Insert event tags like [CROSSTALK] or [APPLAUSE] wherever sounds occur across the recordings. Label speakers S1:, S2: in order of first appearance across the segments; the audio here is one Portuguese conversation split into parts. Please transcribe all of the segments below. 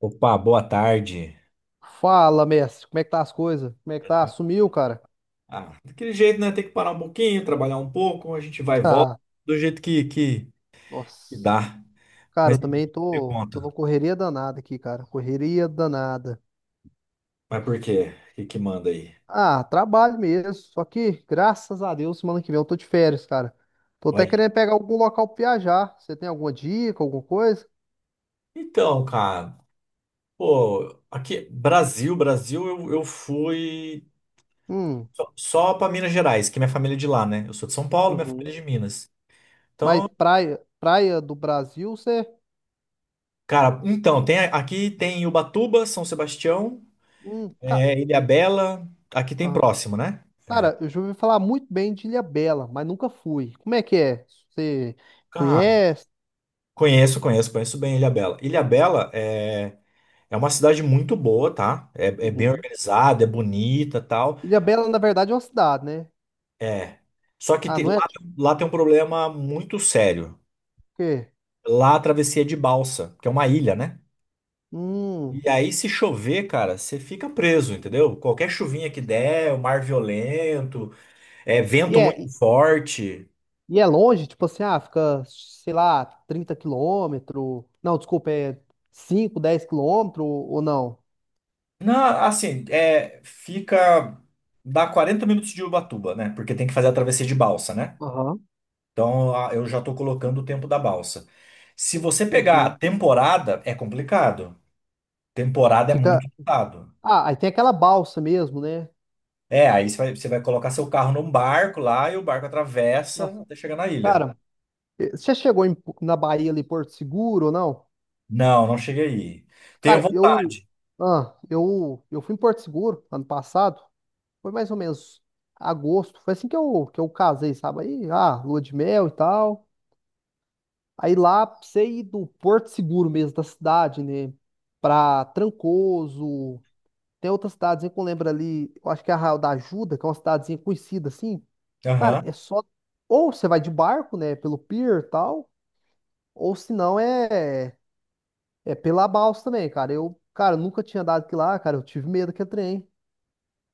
S1: Opa, boa tarde.
S2: Fala, mestre, como é que tá as coisas? Como é que tá?
S1: Tranquilo.
S2: Sumiu, cara?
S1: Ah, daquele jeito, né? Tem que parar um pouquinho, trabalhar um pouco, a gente vai e
S2: [LAUGHS]
S1: volta
S2: Haha,
S1: do jeito que
S2: nossa.
S1: dá.
S2: Cara,
S1: Mas
S2: eu também
S1: me
S2: tô,
S1: conta.
S2: tô numa correria danada aqui, cara. Correria danada.
S1: Mas por quê? O que que manda aí?
S2: Ah, trabalho mesmo. Só que, graças a Deus, semana que vem eu tô de férias, cara. Tô até
S1: Vai.
S2: querendo pegar algum local pra viajar. Você tem alguma dica, alguma coisa?
S1: Então, cara, pô, aqui, Brasil, Brasil, eu fui
S2: Hum.
S1: só pra Minas Gerais, que minha família é de lá, né? Eu sou de São Paulo, minha
S2: Uhum.
S1: família é de Minas.
S2: Mas praia, praia do Brasil, você.
S1: Cara, então, tem, aqui tem Ubatuba, São Sebastião,
S2: Hum, ca-
S1: Ilhabela, aqui tem
S2: ah,
S1: próximo, né?
S2: cara, eu já ouvi falar muito bem de Ilhabela, mas nunca fui. Como é que é? Você
S1: Cara,
S2: conhece?
S1: conheço bem Ilhabela. Ilhabela é uma cidade muito boa, tá? É bem
S2: Uhum.
S1: organizada, é bonita, tal.
S2: Ilha Bela na verdade, é uma cidade, né?
S1: É. Só que
S2: Ah, não é?
S1: lá,
S2: Tipo
S1: lá tem um problema muito sério.
S2: o quê?
S1: Lá a travessia é de balsa, que é uma ilha, né?
S2: Hum.
S1: E aí se chover, cara, você fica preso, entendeu? Qualquer chuvinha que der, o mar violento, é
S2: E
S1: vento
S2: é,
S1: muito forte.
S2: longe? Tipo assim, ah, fica, sei lá, 30 quilômetros. Não, desculpa, é 5, 10 quilômetros ou não?
S1: Não, assim, fica dá 40 minutos de Ubatuba, né? Porque tem que fazer a travessia de balsa, né?
S2: Aham.
S1: Então eu já estou colocando o tempo da balsa. Se você pegar a
S2: Uhum.
S1: temporada, é complicado. Temporada é
S2: Fica.
S1: muito ditado.
S2: Ah, aí tem aquela balsa mesmo, né?
S1: É, aí você vai colocar seu carro num barco lá e o barco atravessa
S2: Nossa,
S1: até chegar na ilha.
S2: cara, você já chegou na Bahia ali, Porto Seguro ou não?
S1: Não, não cheguei aí. Tenho
S2: Cara, eu.
S1: vontade.
S2: Ah, eu fui em Porto Seguro ano passado. Foi mais ou menos agosto. Foi assim que eu casei, sabe? Aí, ah, lua de mel e tal. Aí lá, pra você ir do Porto Seguro mesmo, da cidade, né? Pra Trancoso. Tem outras cidadezinha que eu lembro ali. Eu acho que é Arraial da Ajuda, que é uma cidadezinha conhecida assim. Cara, é
S1: Aham.
S2: só. Ou você vai de barco, né? Pelo pier e tal. Ou se não, é. É pela balsa também, cara. Eu, cara, nunca tinha andado aqui lá, cara. Eu tive medo que é trem.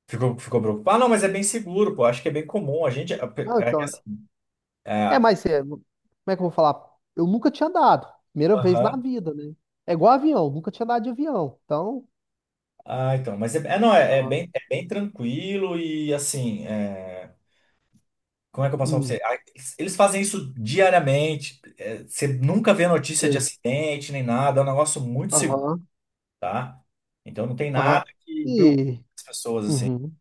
S1: Ficou preocupado? Ah, não, mas é bem seguro, pô. Acho que é bem comum. A gente. É,
S2: Não,
S1: é que
S2: então.
S1: assim.
S2: É,
S1: É,
S2: mas é, como é que eu vou falar? Eu nunca tinha dado. Primeira vez na
S1: aham.
S2: vida, né? É igual avião, nunca tinha dado de avião. Então,
S1: Ah, então. Mas é, não, é, é
S2: aham,
S1: bem, é bem tranquilo e assim. Como é que eu posso falar pra
S2: hum,
S1: você? Ah, eles fazem isso diariamente. Você nunca vê notícia de
S2: sei.
S1: acidente nem nada. É um negócio muito seguro,
S2: Aham,
S1: tá? Então não tem nada
S2: aham.
S1: que preocupe
S2: E,
S1: as pessoas assim.
S2: uhum,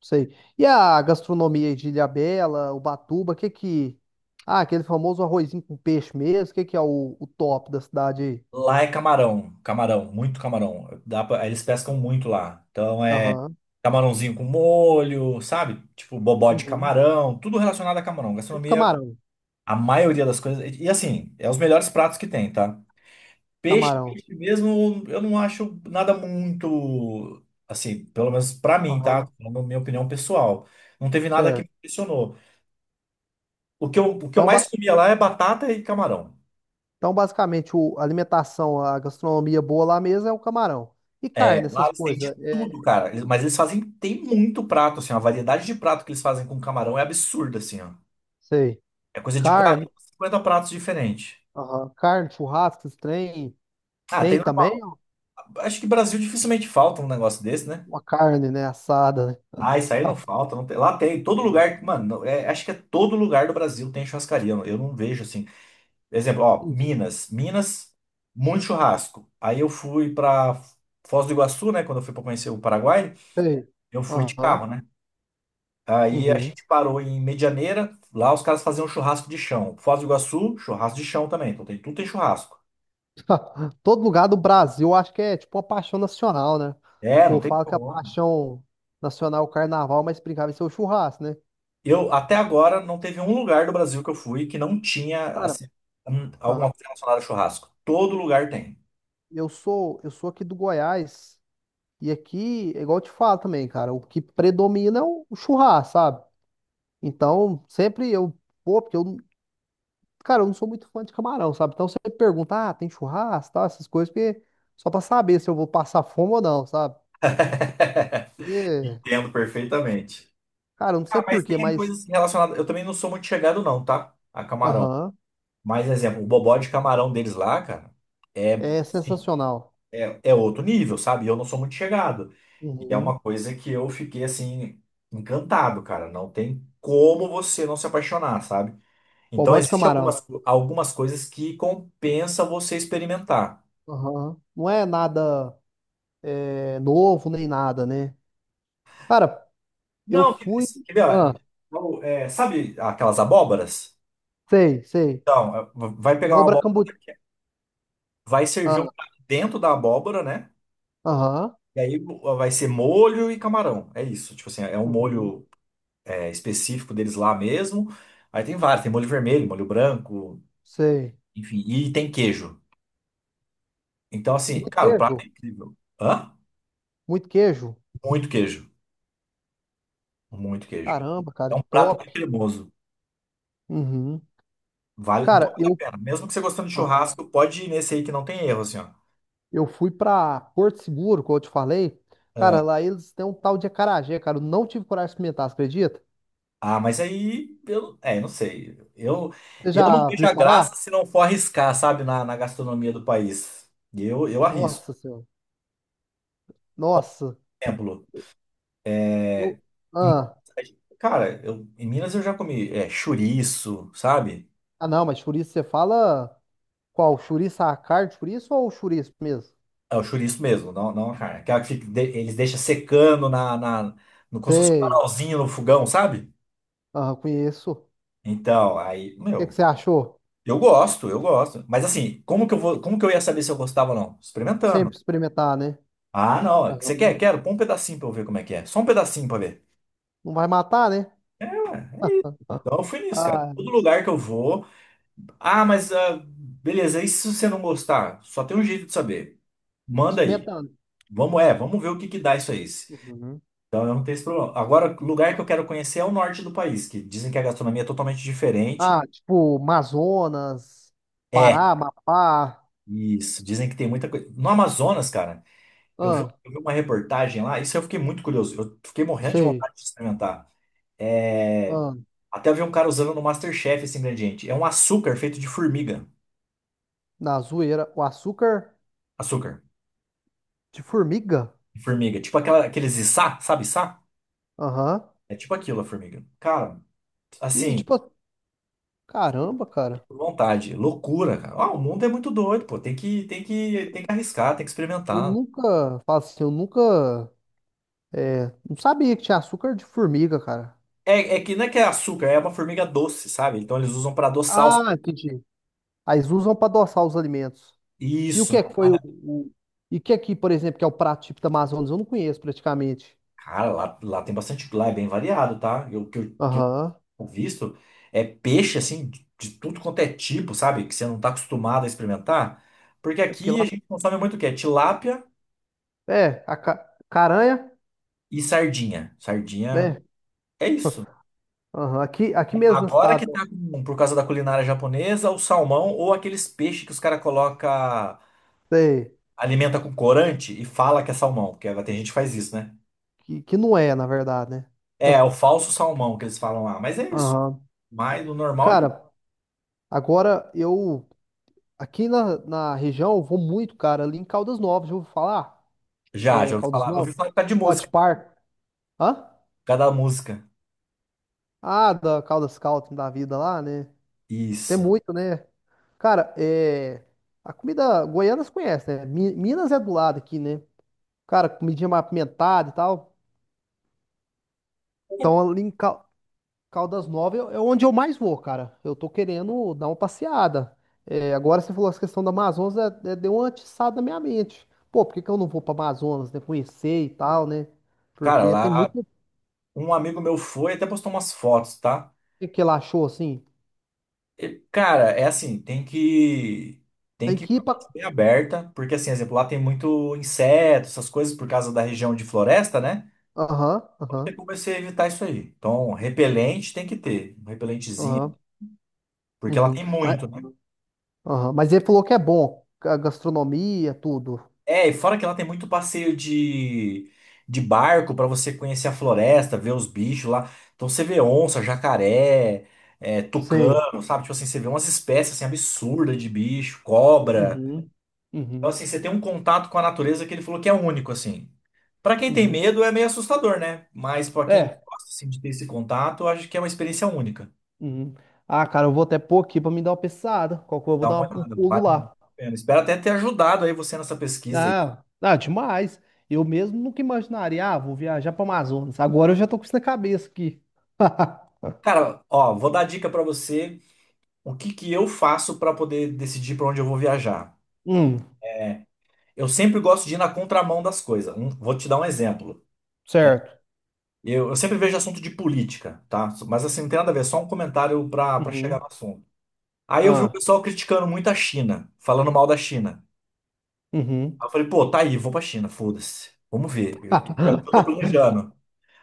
S2: sei. E a gastronomia aí de Ilhabela, Ubatuba, o que que. Ah, aquele famoso arrozinho com peixe mesmo, o que que é o top da cidade aí?
S1: Lá é camarão, camarão, muito camarão. Dá eles pescam muito lá. Então é
S2: Aham,
S1: camarãozinho com molho, sabe? Tipo bobó de
S2: uhum.
S1: camarão, tudo relacionado a camarão.
S2: Tudo
S1: Gastronomia,
S2: camarão,
S1: a maioria das coisas. E, assim, é os melhores pratos que tem, tá? Peixe,
S2: camarão,
S1: peixe mesmo, eu não acho nada muito, assim, pelo menos pra mim, tá?
S2: aham.
S1: Na minha opinião pessoal. Não teve nada que me
S2: Certo.
S1: impressionou. O que eu
S2: Então,
S1: mais comia lá é batata e camarão.
S2: Então, basicamente, a alimentação, a gastronomia boa lá mesmo é o camarão. E
S1: É,
S2: carne,
S1: lá
S2: essas
S1: eles têm de
S2: coisas.
S1: tudo,
S2: É,
S1: cara. Mas eles fazem, tem muito prato, assim, a variedade de prato que eles fazem com camarão é absurda, assim, ó.
S2: sei.
S1: É coisa de
S2: Carne,
S1: 40 50 pratos diferentes.
S2: aham, carne, churrasco, esses trem.
S1: Ah,
S2: Tem
S1: tem,
S2: também
S1: acho que Brasil dificilmente falta um negócio desse, né?
S2: uma carne, né? Assada, né?
S1: Ah, isso aí não falta, não lá tem, todo
S2: Uhum.
S1: lugar, mano, acho que é todo lugar do Brasil tem churrascaria, eu não vejo assim. Exemplo, ó,
S2: Uhum.
S1: Minas, Minas, muito churrasco. Aí eu fui pra Foz do Iguaçu, né, quando eu fui pra conhecer o Paraguai,
S2: Sei.
S1: eu fui de carro,
S2: Aham.
S1: né? Aí a
S2: Uhum.
S1: gente parou em Medianeira, lá os caras faziam churrasco de chão. Foz do Iguaçu, churrasco de chão também, então tem, tudo tem churrasco.
S2: [LAUGHS] Todo lugar do Brasil, eu acho que é tipo uma paixão nacional, né?
S1: É, não
S2: Pô,
S1: tem
S2: fala que a
S1: como.
S2: paixão nacional é o carnaval, mas brincava em ser o churrasco, né?
S1: Eu, até agora, não teve um lugar do Brasil que eu fui que não tinha,
S2: Cara,
S1: assim, alguma
S2: aham,
S1: coisa relacionada a churrasco. Todo lugar tem.
S2: eu sou aqui do Goiás. E aqui, é igual eu te falo também, cara, o que predomina é o churrasco, sabe? Então, sempre eu vou, porque eu, cara, eu não sou muito fã de camarão, sabe? Então, você pergunta, ah, tem churrasco, tá? Essas coisas, porque só pra saber se eu vou passar fome ou não, sabe? E,
S1: Entendo perfeitamente.
S2: cara, eu não sei
S1: Ah,
S2: por
S1: mas
S2: quê,
S1: tem
S2: mas,
S1: coisas relacionadas. Eu também não sou muito chegado, não, tá? A camarão.
S2: aham,
S1: Mas, exemplo, o bobó de camarão deles lá, cara, é,
S2: é
S1: assim,
S2: sensacional.
S1: é outro nível, sabe? Eu não sou muito chegado. E é
S2: Uhum.
S1: uma coisa que eu fiquei, assim, encantado, cara. Não tem como você não se apaixonar, sabe? Então,
S2: Bobó de
S1: existem
S2: camarão.
S1: algumas coisas que compensa você experimentar.
S2: Aham. Não é nada é, novo nem nada, né? Cara, eu
S1: Não, quer
S2: fui.
S1: quer ver?
S2: Ah,
S1: Ó, sabe aquelas abóboras?
S2: sei, sei.
S1: Então, vai pegar uma
S2: Abóbora
S1: abóbora,
S2: cambu.
S1: vai servir um
S2: Ah,
S1: prato dentro da abóbora, né?
S2: aham.
S1: E aí vai ser molho e camarão. É isso. Tipo assim, é um
S2: Uhum.
S1: molho específico deles lá mesmo. Aí tem vários, tem molho vermelho, molho branco,
S2: Sei.
S1: enfim, e tem queijo. Então, assim,
S2: Muito
S1: cara, o prato é
S2: queijo.
S1: incrível. Hã?
S2: Muito queijo.
S1: Muito queijo. Muito queijo.
S2: Caramba,
S1: É
S2: cara,
S1: um prato
S2: top.
S1: muito cremoso.
S2: Uhum.
S1: Vale, então
S2: Cara,
S1: vale a pena. Mesmo que você gostando de
S2: ah,
S1: churrasco, pode ir nesse aí que não tem erro, assim, ó.
S2: eu fui pra Porto Seguro, como eu te falei. Cara, lá eles têm um tal de acarajé, cara. Eu não tive coragem de experimentar, você acredita?
S1: Ah, mas aí eu, não sei. Eu,
S2: Você
S1: eu não
S2: já
S1: vejo
S2: viu
S1: a
S2: falar?
S1: graça se não for arriscar, sabe, na gastronomia do país. Eu arrisco.
S2: Nossa Senhora.
S1: Por
S2: Nossa.
S1: exemplo,
S2: Eu.
S1: é, em-
S2: Ah.
S1: cara, em Minas eu já comi chouriço, sabe?
S2: Ah, não, mas chouriço você fala qual? Chouriço a carne de chouriço ou chouriço mesmo?
S1: É o chouriço mesmo, não, não a carne. Aquela que eles deixam secando no, como se fosse um
S2: Sei.
S1: canalzinho no fogão, sabe?
S2: Ah, conheço. O
S1: Então, aí,
S2: que que
S1: meu,
S2: você achou?
S1: eu gosto, eu gosto. Mas assim, como que eu vou, como que eu ia saber se eu gostava ou não? Experimentando.
S2: Sempre experimentar, né?
S1: Ah, não. Você quer?
S2: Aham.
S1: Quero. Põe um pedacinho pra eu ver como é que é. Só um pedacinho pra ver.
S2: Não vai matar, né?
S1: Ah, então eu fui nisso, cara.
S2: Ah,
S1: Todo lugar que eu vou. Ah, mas beleza. E se você não gostar? Só tem um jeito de saber. Manda aí.
S2: experimentando.
S1: Vamos ver o que que dá isso aí.
S2: Uhum.
S1: Então eu não tenho esse problema. Agora, o lugar que eu quero conhecer é o norte do país, que dizem que a gastronomia é totalmente
S2: Ah,
S1: diferente.
S2: tipo, Amazonas,
S1: É,
S2: Pará, Amapá.
S1: isso. Dizem que tem muita coisa. No Amazonas, cara, eu vi,
S2: Ah,
S1: eu vi uma reportagem lá, isso eu fiquei muito curioso. Eu fiquei morrendo de
S2: sei.
S1: vontade de experimentar. É,
S2: Ah,
S1: Até eu vi um cara usando no MasterChef esse ingrediente. É um açúcar feito de formiga.
S2: na zoeira. O açúcar
S1: Açúcar
S2: de formiga.
S1: de formiga. Tipo aquela, aqueles içá, sabe içá?
S2: Aham.
S1: É tipo aquilo, a formiga. Cara,
S2: E,
S1: assim,
S2: tipo, caramba, cara.
S1: vontade. Loucura, cara. Ah, o mundo é muito doido, pô. Tem que arriscar, tem que
S2: Eu
S1: experimentar.
S2: nunca, falo assim, eu nunca, não sabia que tinha açúcar de formiga, cara.
S1: É que não é que é açúcar, é uma formiga doce, sabe? Então eles usam pra adoçar os...
S2: Ah, entendi. Aí eles usam pra adoçar os alimentos. E o
S1: Isso,
S2: que
S1: né?
S2: é que foi e o que aqui, por exemplo, que é o prato típico da Amazonas? Eu não conheço praticamente.
S1: Cara, lá tem bastante... Lá é bem variado, tá? Eu, que
S2: Aham.
S1: o visto é peixe assim de tudo quanto é tipo, sabe? Que você não tá acostumado a experimentar. Porque
S2: É porque
S1: aqui a
S2: lá.
S1: gente consome muito o quê? Tilápia
S2: É, a caranha,
S1: e sardinha. Sardinha
S2: né?
S1: é isso.
S2: [LAUGHS] Aham. Aqui mesmo na
S1: Agora
S2: cidade,
S1: que
S2: né?
S1: tá por causa da culinária japonesa, o salmão ou aqueles peixes que os caras coloca
S2: Sei,
S1: alimenta com corante e fala que é salmão, porque tem gente que faz isso, né?
S2: que não é, na verdade, né?
S1: É o
S2: [LAUGHS]
S1: falso salmão que eles falam lá, mas é isso.
S2: Aham.
S1: Mas o normal é isso.
S2: Cara, agora eu. Aqui na região eu vou muito, cara, ali em Caldas Novas, já ouviu falar?
S1: Já,
S2: É,
S1: já ouvi
S2: Caldas
S1: falar. Eu ouvi
S2: Novas?
S1: falar por causa de
S2: Hot
S1: música,
S2: Park. Hã?
S1: por causa da música.
S2: Ah, da Caldas Scouting da vida lá, né? Tem
S1: Isso.
S2: muito, né? Cara, é. A comida goiana você conhece, né? Minas é do lado aqui, né? Cara, comidinha mais apimentada e tal. Então, ali em Caldas Novas é onde eu mais vou, cara. Eu tô querendo dar uma passeada. É, agora você falou essa questão da Amazonas, deu uma atiçada na minha mente. Pô, por que que eu não vou pra Amazonas, né? Conhecer e tal, né?
S1: Cara,
S2: Porque tem
S1: lá
S2: muito
S1: um amigo meu foi, até postou umas fotos, tá?
S2: que ela achou assim.
S1: E, cara, é assim, tem que tem
S2: Tem
S1: que ir
S2: que
S1: com
S2: ir
S1: a
S2: pra.
S1: mente bem aberta, porque assim, exemplo, lá tem muito inseto, essas coisas por causa da região de floresta, né?
S2: Aham,
S1: Então
S2: aham,
S1: tem como você evitar isso aí. Então, repelente tem que ter, um repelentezinho,
S2: aham,
S1: porque ela
S2: uhum.
S1: tem
S2: Mas,
S1: muito, né?
S2: aham, mas ele falou que é bom. A gastronomia, tudo.
S1: É, e fora que lá tem muito passeio de barco pra você conhecer a floresta, ver os bichos lá. Então você vê onça, jacaré,
S2: Sei.
S1: tucano, sabe? Tipo assim, você vê umas espécies assim, absurdas de bicho, cobra.
S2: Uhum,
S1: Então
S2: uhum,
S1: assim, você tem um contato com a natureza que ele falou que é único, assim. Pra quem tem
S2: uhum.
S1: medo é meio assustador, né? Mas pra quem
S2: É.
S1: gosta assim, de ter esse contato, eu acho que é uma experiência única.
S2: Uhum. Ah, cara, eu vou até pôr aqui pra me dar uma pensada. Qual que eu vou
S1: Dá
S2: dar
S1: uma
S2: um
S1: olhada,
S2: pulo
S1: vale a
S2: lá.
S1: pena. Espero até ter ajudado aí você nessa pesquisa aí.
S2: Não, não, demais. Eu mesmo nunca imaginaria, ah, vou viajar para Amazonas. Agora eu já tô com isso na cabeça aqui. [LAUGHS]
S1: Cara, ó, vou dar dica pra você. O que que eu faço para poder decidir para onde eu vou viajar?
S2: Hum,
S1: Eu sempre gosto de ir na contramão das coisas. Vou te dar um exemplo.
S2: certo.
S1: Eu sempre vejo assunto de política, tá? Mas assim, não tem nada a ver, só um comentário para chegar
S2: Uhum.
S1: no assunto. Aí eu vi o
S2: Ah,
S1: pessoal criticando muito a China, falando mal da China.
S2: uhum.
S1: Aí eu falei, pô, tá aí, vou pra China, foda-se. Vamos ver. É o que eu tô
S2: [LAUGHS]
S1: planejando.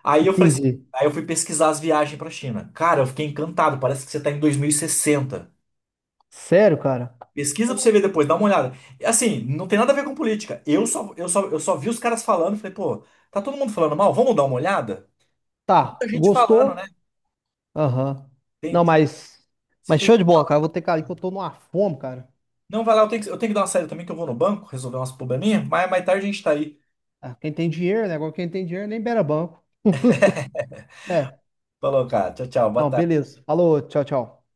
S1: Aí eu falei assim,
S2: Entendi.
S1: aí eu fui pesquisar as viagens pra China. Cara, eu fiquei encantado, parece que você tá em 2060.
S2: Sério, cara?
S1: Pesquisa pra você ver depois, dá uma olhada. E, assim, não tem nada a ver com política. Eu só vi os caras falando, e falei, pô, tá todo mundo falando mal, vamos dar uma olhada? Muita
S2: Tá,
S1: gente falando, né?
S2: gostou? Aham.
S1: Tem,
S2: Não, mas,
S1: se
S2: mas show de
S1: tem...
S2: bola, cara. Eu vou ter que ir ali que eu tô numa fome, cara.
S1: Não, vai lá, eu tenho que dar uma saída também, que eu vou no banco resolver umas probleminhas, mas mais tarde a gente tá aí.
S2: Ah, quem tem dinheiro, né? Agora quem tem dinheiro nem beira banco. É.
S1: Falou, cara. Tchau, tchau. Boa
S2: Não,
S1: tarde.
S2: beleza. Falou, tchau, tchau.